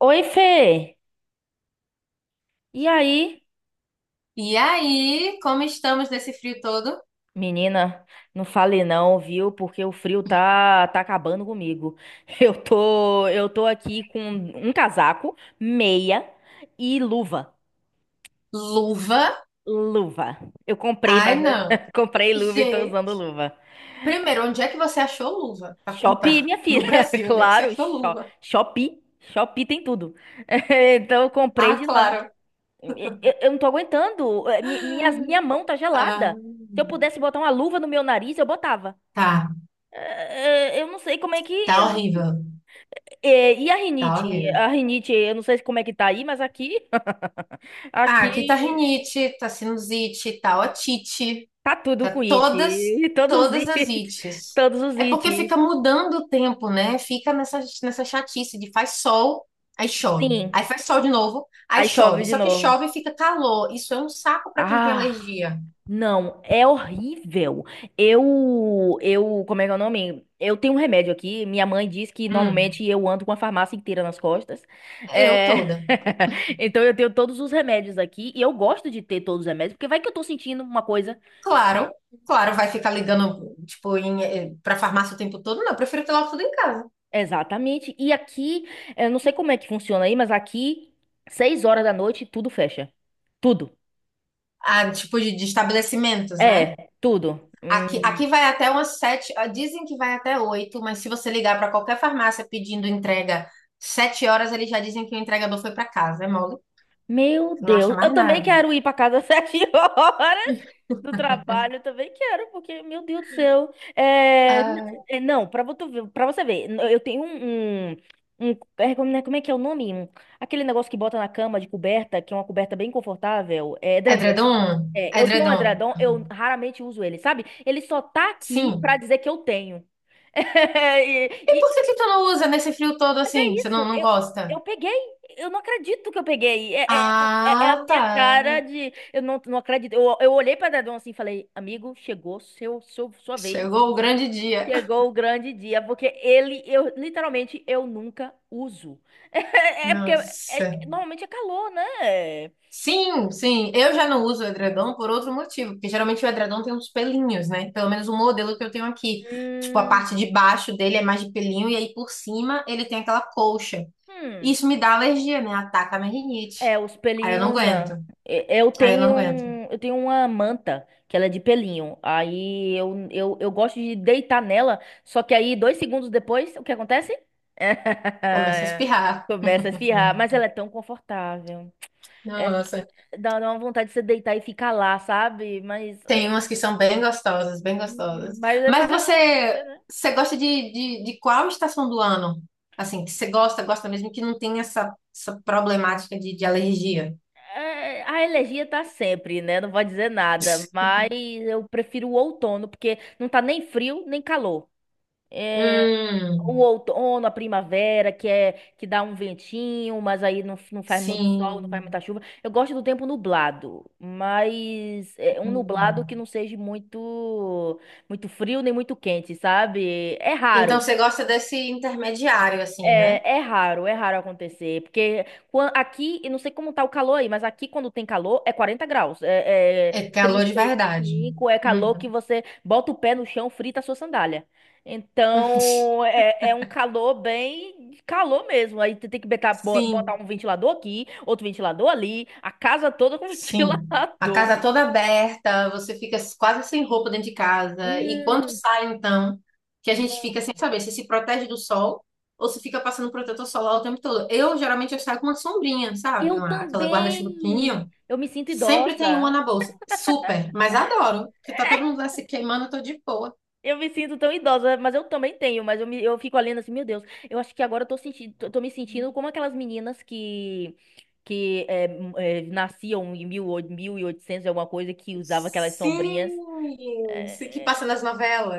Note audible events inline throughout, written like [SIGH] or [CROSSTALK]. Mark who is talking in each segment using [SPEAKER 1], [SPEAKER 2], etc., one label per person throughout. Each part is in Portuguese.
[SPEAKER 1] Oi, Fê. E aí?
[SPEAKER 2] E aí, como estamos nesse frio todo?
[SPEAKER 1] Menina, não fale não, viu? Porque o frio tá acabando comigo. [LAUGHS] Eu tô aqui com um casaco, meia e luva.
[SPEAKER 2] Luva?
[SPEAKER 1] Luva. Eu comprei na
[SPEAKER 2] Ai, não.
[SPEAKER 1] [LAUGHS] comprei luva e tô usando
[SPEAKER 2] Gente,
[SPEAKER 1] luva.
[SPEAKER 2] primeiro, onde é que você achou luva pra
[SPEAKER 1] Shopee,
[SPEAKER 2] comprar?
[SPEAKER 1] minha
[SPEAKER 2] [LAUGHS] No
[SPEAKER 1] filha, [LAUGHS]
[SPEAKER 2] Brasil, onde é que você
[SPEAKER 1] claro,
[SPEAKER 2] achou luva?
[SPEAKER 1] Shopee. Shopee tem tudo. [LAUGHS] Então eu comprei
[SPEAKER 2] Ah,
[SPEAKER 1] de lá.
[SPEAKER 2] claro.
[SPEAKER 1] Eu, eu não tô aguentando. Minha mão tá
[SPEAKER 2] Ah,
[SPEAKER 1] gelada. Se eu pudesse botar uma luva no meu nariz, eu botava.
[SPEAKER 2] tá.
[SPEAKER 1] Eu não sei como é que,
[SPEAKER 2] Tá
[SPEAKER 1] eu não-
[SPEAKER 2] horrível.
[SPEAKER 1] é, e a
[SPEAKER 2] Tá
[SPEAKER 1] rinite?
[SPEAKER 2] horrível.
[SPEAKER 1] A rinite, eu não sei como é que tá aí, mas aqui, [LAUGHS]
[SPEAKER 2] Ah,
[SPEAKER 1] aqui
[SPEAKER 2] aqui tá rinite, tá sinusite, tá otite.
[SPEAKER 1] tá tudo com
[SPEAKER 2] Tá
[SPEAKER 1] it. [LAUGHS]
[SPEAKER 2] todas,
[SPEAKER 1] E todos os
[SPEAKER 2] todas as
[SPEAKER 1] it, [LAUGHS]
[SPEAKER 2] ites.
[SPEAKER 1] todos os
[SPEAKER 2] É porque fica
[SPEAKER 1] ites.
[SPEAKER 2] mudando o tempo, né? Fica nessa chatice de faz sol, aí chove.
[SPEAKER 1] Sim,
[SPEAKER 2] Aí faz sol de novo, aí
[SPEAKER 1] aí chove
[SPEAKER 2] chove.
[SPEAKER 1] de
[SPEAKER 2] Só que
[SPEAKER 1] novo.
[SPEAKER 2] chove e fica calor. Isso é um saco para quem tem
[SPEAKER 1] Ah,
[SPEAKER 2] alergia.
[SPEAKER 1] não, é horrível. Eu, como é que é o nome? Eu tenho um remédio aqui. Minha mãe diz que
[SPEAKER 2] Hum,
[SPEAKER 1] normalmente eu ando com a farmácia inteira nas costas.
[SPEAKER 2] eu
[SPEAKER 1] É...
[SPEAKER 2] toda.
[SPEAKER 1] [LAUGHS] Então eu tenho todos os remédios aqui e eu gosto de ter todos os remédios, porque vai que eu tô sentindo uma coisa.
[SPEAKER 2] Claro, claro, vai ficar ligando, tipo, pra farmácia o tempo todo? Não, eu prefiro ter logo tudo em casa.
[SPEAKER 1] Exatamente. E aqui, eu não sei como é que funciona aí, mas aqui, 6 horas da noite, tudo fecha. Tudo.
[SPEAKER 2] Ah, tipo de estabelecimentos, né?
[SPEAKER 1] É, tudo.
[SPEAKER 2] Aqui, aqui vai até umas sete, ah, dizem que vai até oito, mas se você ligar para qualquer farmácia pedindo entrega sete horas, eles já dizem que o entregador foi para casa, é mole?
[SPEAKER 1] Meu
[SPEAKER 2] Não acha
[SPEAKER 1] Deus. Eu
[SPEAKER 2] mais
[SPEAKER 1] também
[SPEAKER 2] nada.
[SPEAKER 1] quero ir para casa às [LAUGHS] 7 horas do trabalho. Eu
[SPEAKER 2] [LAUGHS]
[SPEAKER 1] também quero, porque, meu Deus do céu.
[SPEAKER 2] Ah,
[SPEAKER 1] Não, para você ver, pra você ver, n- eu tenho um, como é que é o nome? Aquele negócio que bota na cama de coberta, que é uma coberta bem confortável. É edredom.
[SPEAKER 2] edredom,
[SPEAKER 1] É, eu tenho um
[SPEAKER 2] edredom.
[SPEAKER 1] edredom, eu raramente uso ele, sabe? Ele só tá aqui pra
[SPEAKER 2] Sim.
[SPEAKER 1] dizer que eu tenho. [LAUGHS] E-
[SPEAKER 2] E
[SPEAKER 1] e-
[SPEAKER 2] por que que tu não usa nesse frio todo
[SPEAKER 1] mas é
[SPEAKER 2] assim? Você não,
[SPEAKER 1] isso,
[SPEAKER 2] não
[SPEAKER 1] eu,
[SPEAKER 2] gosta?
[SPEAKER 1] eu peguei, eu não acredito que eu peguei. É a
[SPEAKER 2] Ah,
[SPEAKER 1] minha cara
[SPEAKER 2] tá.
[SPEAKER 1] de. Eu não acredito. Eu olhei pra edredom assim e falei, amigo, chegou sua vez.
[SPEAKER 2] Chegou o grande dia.
[SPEAKER 1] Chegou o grande dia, porque ele, eu literalmente, eu nunca uso. [LAUGHS] É, porque
[SPEAKER 2] Nossa.
[SPEAKER 1] normalmente é calor, né?
[SPEAKER 2] Sim, sim. Eu já não uso edredom por outro motivo, porque geralmente o edredom tem uns pelinhos, né? Pelo menos o modelo que eu tenho aqui. Tipo, a parte
[SPEAKER 1] Hum,
[SPEAKER 2] de baixo dele é mais de pelinho e aí por cima ele tem aquela colcha.
[SPEAKER 1] hum.
[SPEAKER 2] Isso me dá alergia, né? Ataca a minha rinite.
[SPEAKER 1] É, os
[SPEAKER 2] Aí eu não
[SPEAKER 1] pelinhos
[SPEAKER 2] aguento.
[SPEAKER 1] da.
[SPEAKER 2] Aí eu não aguento
[SPEAKER 1] Eu tenho uma manta que ela é de pelinho. Aí eu gosto de deitar nela, só que aí 2 segundos depois, o que acontece?
[SPEAKER 2] começa a
[SPEAKER 1] [LAUGHS]
[SPEAKER 2] espirrar.
[SPEAKER 1] Começa a espirrar, mas ela é tão confortável. É,
[SPEAKER 2] Nossa.
[SPEAKER 1] dá uma vontade de você deitar e ficar lá, sabe? Mas,
[SPEAKER 2] Tem
[SPEAKER 1] é,
[SPEAKER 2] umas que são bem gostosas, bem
[SPEAKER 1] hum,
[SPEAKER 2] gostosas.
[SPEAKER 1] mas é
[SPEAKER 2] Mas
[SPEAKER 1] fazer o
[SPEAKER 2] você,
[SPEAKER 1] quê, né?
[SPEAKER 2] você gosta de qual estação do ano? Assim, que você gosta, gosta mesmo que não tem essa, essa problemática de alergia.
[SPEAKER 1] É, a alergia tá sempre, né? Não vou dizer nada, mas eu prefiro o outono porque não tá nem frio nem calor. O
[SPEAKER 2] Hum,
[SPEAKER 1] outono, a primavera, que é que dá um ventinho, mas aí não faz muito sol, não faz
[SPEAKER 2] sim.
[SPEAKER 1] muita chuva. Eu gosto do tempo nublado, mas é um nublado que
[SPEAKER 2] Hum.
[SPEAKER 1] não seja muito muito frio nem muito quente, sabe? É
[SPEAKER 2] Então
[SPEAKER 1] raro.
[SPEAKER 2] você gosta desse intermediário, assim, né?
[SPEAKER 1] É raro acontecer, porque aqui, eu não sei como tá o calor aí, mas aqui quando tem calor é 40 graus,
[SPEAKER 2] É calor
[SPEAKER 1] trinta
[SPEAKER 2] de
[SPEAKER 1] e
[SPEAKER 2] verdade.
[SPEAKER 1] cinco, é calor que
[SPEAKER 2] Uhum.
[SPEAKER 1] você bota o pé no chão, frita a sua sandália.
[SPEAKER 2] [LAUGHS]
[SPEAKER 1] Então, é um calor bem calor mesmo, aí tu tem que botar
[SPEAKER 2] Sim,
[SPEAKER 1] um ventilador aqui, outro ventilador ali, a casa toda com [LAUGHS]
[SPEAKER 2] sim. A
[SPEAKER 1] ventilador.
[SPEAKER 2] casa toda aberta, você fica quase sem roupa dentro de casa. E quando
[SPEAKER 1] Hum,
[SPEAKER 2] sai, então, que a gente fica sem
[SPEAKER 1] nossa.
[SPEAKER 2] saber se se protege do sol ou se fica passando protetor solar o tempo todo. Eu, geralmente, eu saio com uma sombrinha, sabe?
[SPEAKER 1] Eu
[SPEAKER 2] Uma aquela guarda-chuva
[SPEAKER 1] também!
[SPEAKER 2] pequenininho.
[SPEAKER 1] Eu me sinto
[SPEAKER 2] Sempre tem uma
[SPEAKER 1] idosa.
[SPEAKER 2] na bolsa. Super, mas adoro, porque tá todo mundo lá se queimando, eu tô de boa.
[SPEAKER 1] Eu me sinto tão idosa, mas eu também tenho, eu fico olhando assim, meu Deus, eu acho que agora eu tô me sentindo como aquelas meninas que nasciam em 1800 e alguma coisa que usava aquelas sombrinhas,
[SPEAKER 2] Sim, se que passa
[SPEAKER 1] é,
[SPEAKER 2] nas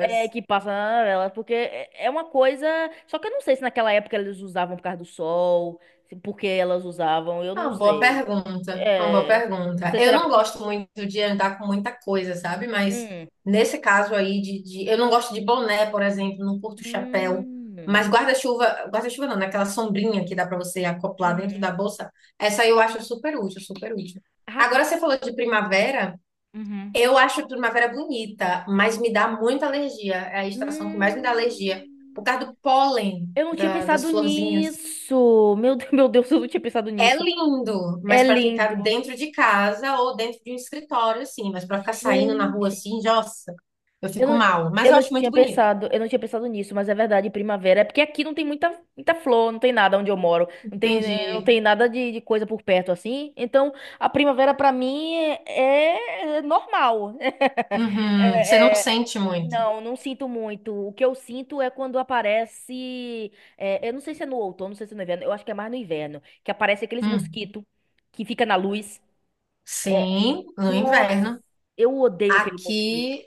[SPEAKER 1] que passa na novela, porque é uma coisa, só que eu não sei se naquela época elas usavam por causa do sol, porque elas usavam, eu
[SPEAKER 2] É
[SPEAKER 1] não
[SPEAKER 2] uma boa
[SPEAKER 1] sei.
[SPEAKER 2] pergunta, é uma boa
[SPEAKER 1] É, não
[SPEAKER 2] pergunta.
[SPEAKER 1] sei se
[SPEAKER 2] Eu
[SPEAKER 1] era
[SPEAKER 2] não
[SPEAKER 1] porque
[SPEAKER 2] gosto muito de andar com muita coisa, sabe? Mas
[SPEAKER 1] Hum.
[SPEAKER 2] nesse caso aí eu não gosto de boné, por exemplo, não curto chapéu,
[SPEAKER 1] Hum.
[SPEAKER 2] mas guarda-chuva, guarda-chuva não, naquela sombrinha que dá pra você acoplar dentro
[SPEAKER 1] Uhum.
[SPEAKER 2] da bolsa, essa aí eu acho super útil, super útil.
[SPEAKER 1] Rap-
[SPEAKER 2] Agora você falou de primavera,
[SPEAKER 1] Uhum.
[SPEAKER 2] eu acho a primavera bonita, mas me dá muita alergia. É a estação que mais me
[SPEAKER 1] Hum,
[SPEAKER 2] dá alergia. Por causa do pólen
[SPEAKER 1] eu não tinha
[SPEAKER 2] da- das
[SPEAKER 1] pensado
[SPEAKER 2] florzinhas.
[SPEAKER 1] nisso. Meu Deus. [LAUGHS] Meu Deus, eu não tinha pensado
[SPEAKER 2] É
[SPEAKER 1] nisso.
[SPEAKER 2] lindo, mas
[SPEAKER 1] É
[SPEAKER 2] para
[SPEAKER 1] lindo.
[SPEAKER 2] ficar dentro de casa ou dentro de um escritório, assim. Mas para ficar saindo na rua
[SPEAKER 1] Gente,
[SPEAKER 2] assim, nossa, eu
[SPEAKER 1] eu
[SPEAKER 2] fico
[SPEAKER 1] não,
[SPEAKER 2] mal. Mas eu acho muito bonito.
[SPEAKER 1] eu não tinha pensado nisso, mas é verdade, primavera. É porque aqui não tem muita flor, não tem nada onde eu moro. Não
[SPEAKER 2] Entendi.
[SPEAKER 1] tem nada de coisa por perto assim. Então, a primavera pra mim é normal. [LAUGHS]
[SPEAKER 2] Uhum, você não
[SPEAKER 1] É,
[SPEAKER 2] sente muito.
[SPEAKER 1] não sinto muito. O que eu sinto é quando aparece. Eu não sei se é no outono, não sei se é no inverno. Eu acho que é mais no inverno. Que aparece aqueles
[SPEAKER 2] Hum.
[SPEAKER 1] mosquitos que fica na luz. É,
[SPEAKER 2] Sim, no
[SPEAKER 1] nossa,
[SPEAKER 2] inverno.
[SPEAKER 1] eu odeio aquele mosquito.
[SPEAKER 2] Aqui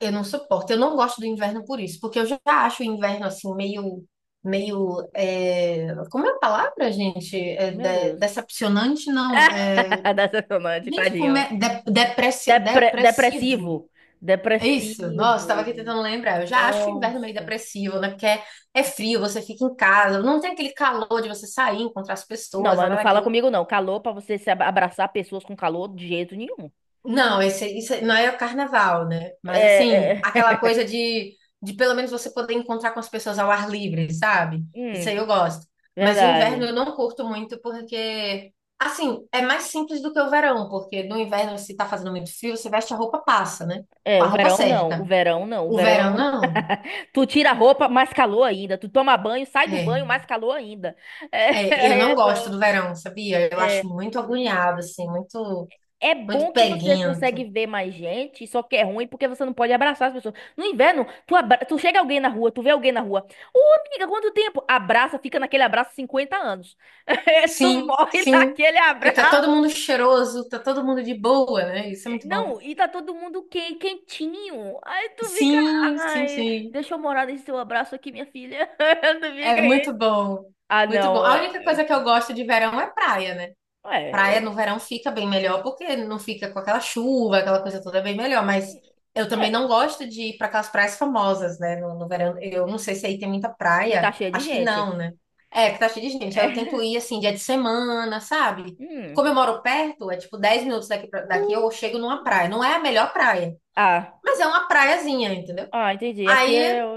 [SPEAKER 2] eu não suporto. Eu não gosto do inverno por isso, porque eu já acho o inverno assim meio, como é a palavra, gente? É
[SPEAKER 1] Meu
[SPEAKER 2] de-
[SPEAKER 1] Deus.
[SPEAKER 2] decepcionante, não?
[SPEAKER 1] [LAUGHS] Decepcionante,
[SPEAKER 2] Gente, como
[SPEAKER 1] tadinho.
[SPEAKER 2] é de- depressi-
[SPEAKER 1] Depre-
[SPEAKER 2] depressivo?
[SPEAKER 1] depressivo.
[SPEAKER 2] É isso. Nossa, estava
[SPEAKER 1] Depressivo.
[SPEAKER 2] aqui tentando lembrar. Eu já acho o inverno meio
[SPEAKER 1] Nossa.
[SPEAKER 2] depressivo, né? Porque é frio, você fica em casa, não tem aquele calor de você sair, encontrar as
[SPEAKER 1] Não,
[SPEAKER 2] pessoas,
[SPEAKER 1] mas
[SPEAKER 2] nada
[SPEAKER 1] não fala
[SPEAKER 2] daquilo.
[SPEAKER 1] comigo, não. Calor pra você se abraçar pessoas com calor de jeito nenhum.
[SPEAKER 2] Não, esse, isso não é o carnaval, né? Mas assim,
[SPEAKER 1] É,
[SPEAKER 2] aquela
[SPEAKER 1] é...
[SPEAKER 2] coisa de pelo menos você poder encontrar com as pessoas ao ar livre, sabe?
[SPEAKER 1] [LAUGHS]
[SPEAKER 2] Isso aí
[SPEAKER 1] Hum,
[SPEAKER 2] eu gosto. Mas o inverno
[SPEAKER 1] verdade.
[SPEAKER 2] eu não curto muito porque, assim, é mais simples do que o verão, porque no inverno, se tá fazendo muito frio, você veste a roupa passa, né?
[SPEAKER 1] É,
[SPEAKER 2] Com a
[SPEAKER 1] o
[SPEAKER 2] roupa
[SPEAKER 1] verão não, o
[SPEAKER 2] certa.
[SPEAKER 1] verão não, o
[SPEAKER 2] O verão,
[SPEAKER 1] verão.
[SPEAKER 2] não.
[SPEAKER 1] Tu tira a roupa, mais calor ainda. Tu toma banho, sai do
[SPEAKER 2] É,
[SPEAKER 1] banho, mais calor ainda. É,
[SPEAKER 2] eu
[SPEAKER 1] [LAUGHS]
[SPEAKER 2] não
[SPEAKER 1] é,
[SPEAKER 2] gosto
[SPEAKER 1] tô-
[SPEAKER 2] do verão, sabia? Eu
[SPEAKER 1] é.
[SPEAKER 2] acho muito agoniado, assim, muito,
[SPEAKER 1] É
[SPEAKER 2] muito
[SPEAKER 1] bom que você consegue
[SPEAKER 2] peguento.
[SPEAKER 1] ver mais gente, só que é ruim porque você não pode abraçar as pessoas. No inverno, tu chega alguém na rua, tu vê alguém na rua. Ô, amiga, quanto tempo? Abraça, fica naquele abraço 50 anos. [LAUGHS] Tu
[SPEAKER 2] Sim,
[SPEAKER 1] morre
[SPEAKER 2] sim.
[SPEAKER 1] naquele
[SPEAKER 2] Porque tá
[SPEAKER 1] abraço.
[SPEAKER 2] todo mundo cheiroso, tá todo mundo de boa, né? Isso é muito bom.
[SPEAKER 1] Não, e tá todo mundo quentinho. Aí tu fica,
[SPEAKER 2] Sim, sim,
[SPEAKER 1] ai,
[SPEAKER 2] sim.
[SPEAKER 1] deixa eu morar nesse seu abraço aqui, minha filha. [LAUGHS] Tu fica
[SPEAKER 2] É
[SPEAKER 1] aí.
[SPEAKER 2] muito bom.
[SPEAKER 1] Ah,
[SPEAKER 2] Muito bom.
[SPEAKER 1] não,
[SPEAKER 2] A única coisa que eu gosto de verão é praia, né? Praia no
[SPEAKER 1] é,
[SPEAKER 2] verão fica bem melhor, porque não fica com aquela chuva, aquela coisa toda é bem melhor, mas
[SPEAKER 1] é,
[SPEAKER 2] eu também
[SPEAKER 1] é,
[SPEAKER 2] não gosto de ir para aquelas praias famosas, né? No verão, eu não sei se aí tem muita
[SPEAKER 1] que tá
[SPEAKER 2] praia,
[SPEAKER 1] cheio de
[SPEAKER 2] acho que
[SPEAKER 1] gente.
[SPEAKER 2] não, né? É, que tá cheio de gente. Aí eu tento
[SPEAKER 1] É. [LAUGHS]
[SPEAKER 2] ir assim, dia de semana, sabe?
[SPEAKER 1] Hum.
[SPEAKER 2] Como eu moro perto, é tipo 10 minutos daqui, pra- daqui eu chego numa praia.
[SPEAKER 1] Uh.
[SPEAKER 2] Não é a melhor praia,
[SPEAKER 1] Ah,
[SPEAKER 2] mas é uma praiazinha, entendeu?
[SPEAKER 1] ah, entendi. Aqui é
[SPEAKER 2] Aí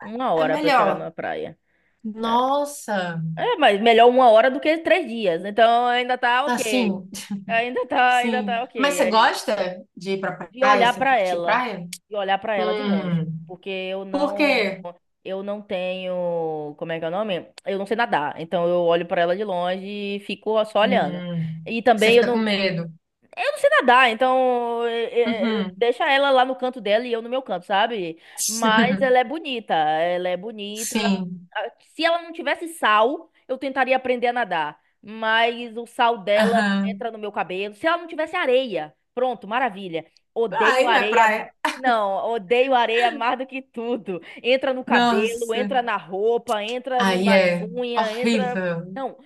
[SPEAKER 1] uma
[SPEAKER 2] é
[SPEAKER 1] hora pra eu chegar numa
[SPEAKER 2] melhor.
[SPEAKER 1] praia.
[SPEAKER 2] Nossa,
[SPEAKER 1] É, mas melhor 1 hora do que 3 dias. Então ainda tá ok.
[SPEAKER 2] assim,
[SPEAKER 1] Ainda tá, ainda
[SPEAKER 2] sim.
[SPEAKER 1] tá
[SPEAKER 2] Mas você
[SPEAKER 1] ok.
[SPEAKER 2] gosta de ir pra
[SPEAKER 1] de
[SPEAKER 2] praia,
[SPEAKER 1] olhar
[SPEAKER 2] assim,
[SPEAKER 1] para
[SPEAKER 2] curtir
[SPEAKER 1] ela,
[SPEAKER 2] praia?
[SPEAKER 1] de olhar para ela de longe,
[SPEAKER 2] Hum.
[SPEAKER 1] porque eu
[SPEAKER 2] Por
[SPEAKER 1] não
[SPEAKER 2] quê?
[SPEAKER 1] eu não tenho, como é que é o nome? Eu não sei nadar, então eu olho para ela de longe e fico só olhando.
[SPEAKER 2] Hum.
[SPEAKER 1] E
[SPEAKER 2] Você
[SPEAKER 1] também eu
[SPEAKER 2] fica com
[SPEAKER 1] não
[SPEAKER 2] medo.
[SPEAKER 1] eu não sei nadar, então
[SPEAKER 2] Uhum.
[SPEAKER 1] deixa ela lá no canto dela e eu no meu canto, sabe? Mas
[SPEAKER 2] [LAUGHS]
[SPEAKER 1] ela é bonita, ela é bonita.
[SPEAKER 2] Sim.
[SPEAKER 1] Ah, se ela não tivesse sal, eu tentaria aprender a nadar. Mas o sal dela
[SPEAKER 2] Aham.
[SPEAKER 1] entra no meu cabelo. Se ela não tivesse areia, pronto, maravilha. Odeio
[SPEAKER 2] Aí não é
[SPEAKER 1] areia.
[SPEAKER 2] praia.
[SPEAKER 1] Não, odeio areia mais do que tudo. Entra no cabelo,
[SPEAKER 2] Nossa.
[SPEAKER 1] entra na roupa, entra
[SPEAKER 2] Aí
[SPEAKER 1] nas
[SPEAKER 2] é
[SPEAKER 1] unhas, entra.
[SPEAKER 2] horrível.
[SPEAKER 1] Não,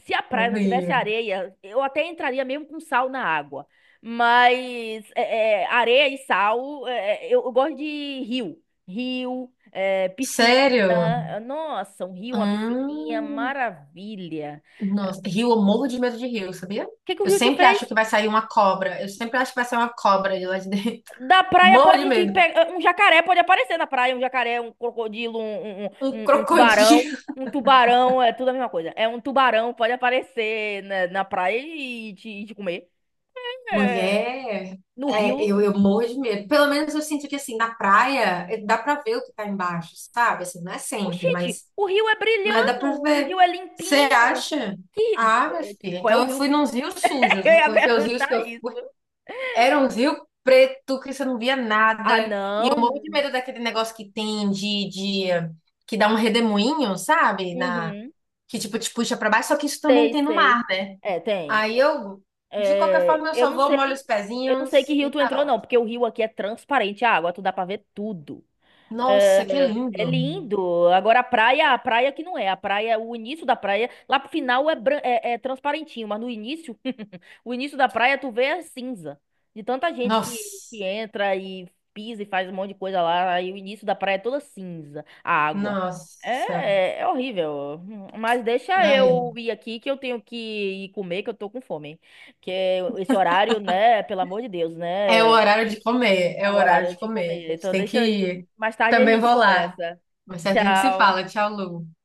[SPEAKER 1] se a praia não tivesse
[SPEAKER 2] Horrível.
[SPEAKER 1] areia, eu até entraria mesmo com sal na água. Mas areia e sal, eu gosto de rio. Rio, piscina.
[SPEAKER 2] Sério?
[SPEAKER 1] Nossa, um rio, uma piscininha,
[SPEAKER 2] Hum.
[SPEAKER 1] maravilha.
[SPEAKER 2] Nossa. Rio, eu morro de medo de rio, sabia?
[SPEAKER 1] O que que o
[SPEAKER 2] Eu
[SPEAKER 1] rio te
[SPEAKER 2] sempre
[SPEAKER 1] fez?
[SPEAKER 2] acho que vai sair uma cobra. Eu sempre acho que vai sair uma cobra de lá de dentro.
[SPEAKER 1] Da
[SPEAKER 2] [LAUGHS]
[SPEAKER 1] praia
[SPEAKER 2] Morro de
[SPEAKER 1] pode te
[SPEAKER 2] medo.
[SPEAKER 1] pegar. Um jacaré pode aparecer na praia. Um jacaré, um crocodilo, um, um, um-
[SPEAKER 2] Um
[SPEAKER 1] um um tubarão.
[SPEAKER 2] crocodilo.
[SPEAKER 1] Um tubarão, é tudo a mesma coisa. É um tubarão, pode aparecer na praia e e te comer. É,
[SPEAKER 2] Mulher,
[SPEAKER 1] no rio.
[SPEAKER 2] eu morro de medo. Pelo menos eu sinto que, assim, na praia, dá pra ver o que tá embaixo, sabe? Assim, não é sempre,
[SPEAKER 1] Oxente, o rio é
[SPEAKER 2] mas dá
[SPEAKER 1] brilhando,
[SPEAKER 2] pra
[SPEAKER 1] o
[SPEAKER 2] ver.
[SPEAKER 1] rio é
[SPEAKER 2] Você
[SPEAKER 1] limpinho.
[SPEAKER 2] acha? Ah, minha filha,
[SPEAKER 1] Qual é
[SPEAKER 2] então
[SPEAKER 1] o
[SPEAKER 2] eu
[SPEAKER 1] rio
[SPEAKER 2] fui
[SPEAKER 1] que tu.
[SPEAKER 2] nos rios
[SPEAKER 1] [LAUGHS]
[SPEAKER 2] sujos,
[SPEAKER 1] Eu
[SPEAKER 2] viu?
[SPEAKER 1] ia
[SPEAKER 2] Porque os rios que
[SPEAKER 1] perguntar
[SPEAKER 2] eu...
[SPEAKER 1] isso.
[SPEAKER 2] Eram uns rios preto que você não via
[SPEAKER 1] Ah,
[SPEAKER 2] nada. E eu
[SPEAKER 1] não.
[SPEAKER 2] morro de medo daquele negócio que tem de... que dá um redemoinho, sabe? Na...
[SPEAKER 1] Uhum.
[SPEAKER 2] Que, tipo, te puxa pra baixo. Só que isso também
[SPEAKER 1] Sei,
[SPEAKER 2] tem no
[SPEAKER 1] sei.
[SPEAKER 2] mar, né?
[SPEAKER 1] É, tem.
[SPEAKER 2] Aí eu... De qualquer
[SPEAKER 1] É,
[SPEAKER 2] forma, eu
[SPEAKER 1] eu
[SPEAKER 2] só
[SPEAKER 1] não
[SPEAKER 2] vou, molho os
[SPEAKER 1] sei, eu não sei que
[SPEAKER 2] pezinhos
[SPEAKER 1] rio
[SPEAKER 2] e
[SPEAKER 1] tu entrou,
[SPEAKER 2] tá
[SPEAKER 1] não,
[SPEAKER 2] ótimo.
[SPEAKER 1] porque o rio aqui é transparente a água, tu dá pra ver tudo. É,
[SPEAKER 2] Nossa, que
[SPEAKER 1] é
[SPEAKER 2] lindo.
[SPEAKER 1] lindo. Agora a praia que não é. A praia, o início da praia, lá pro final é transparentinho, mas no início, [LAUGHS] o início da praia tu vê é cinza. De tanta gente que
[SPEAKER 2] Nossa,
[SPEAKER 1] entra e pisa e faz um monte de coisa lá, aí o início da praia é toda cinza, a água. É,
[SPEAKER 2] nossa.
[SPEAKER 1] é horrível. Mas deixa
[SPEAKER 2] Ai,
[SPEAKER 1] eu ir aqui que eu tenho que ir comer, que eu tô com fome. Que é esse horário, né, pelo amor de Deus,
[SPEAKER 2] é o
[SPEAKER 1] né?
[SPEAKER 2] horário de comer,
[SPEAKER 1] É
[SPEAKER 2] é o
[SPEAKER 1] o
[SPEAKER 2] horário
[SPEAKER 1] horário
[SPEAKER 2] de
[SPEAKER 1] de
[SPEAKER 2] comer.
[SPEAKER 1] comer.
[SPEAKER 2] A gente
[SPEAKER 1] Então
[SPEAKER 2] tem
[SPEAKER 1] deixa
[SPEAKER 2] que
[SPEAKER 1] eu ir.
[SPEAKER 2] ir.
[SPEAKER 1] Mais tarde a
[SPEAKER 2] Também
[SPEAKER 1] gente
[SPEAKER 2] vou lá.
[SPEAKER 1] conversa.
[SPEAKER 2] Mas a gente se
[SPEAKER 1] Tchau.
[SPEAKER 2] fala. Tchau, Lu.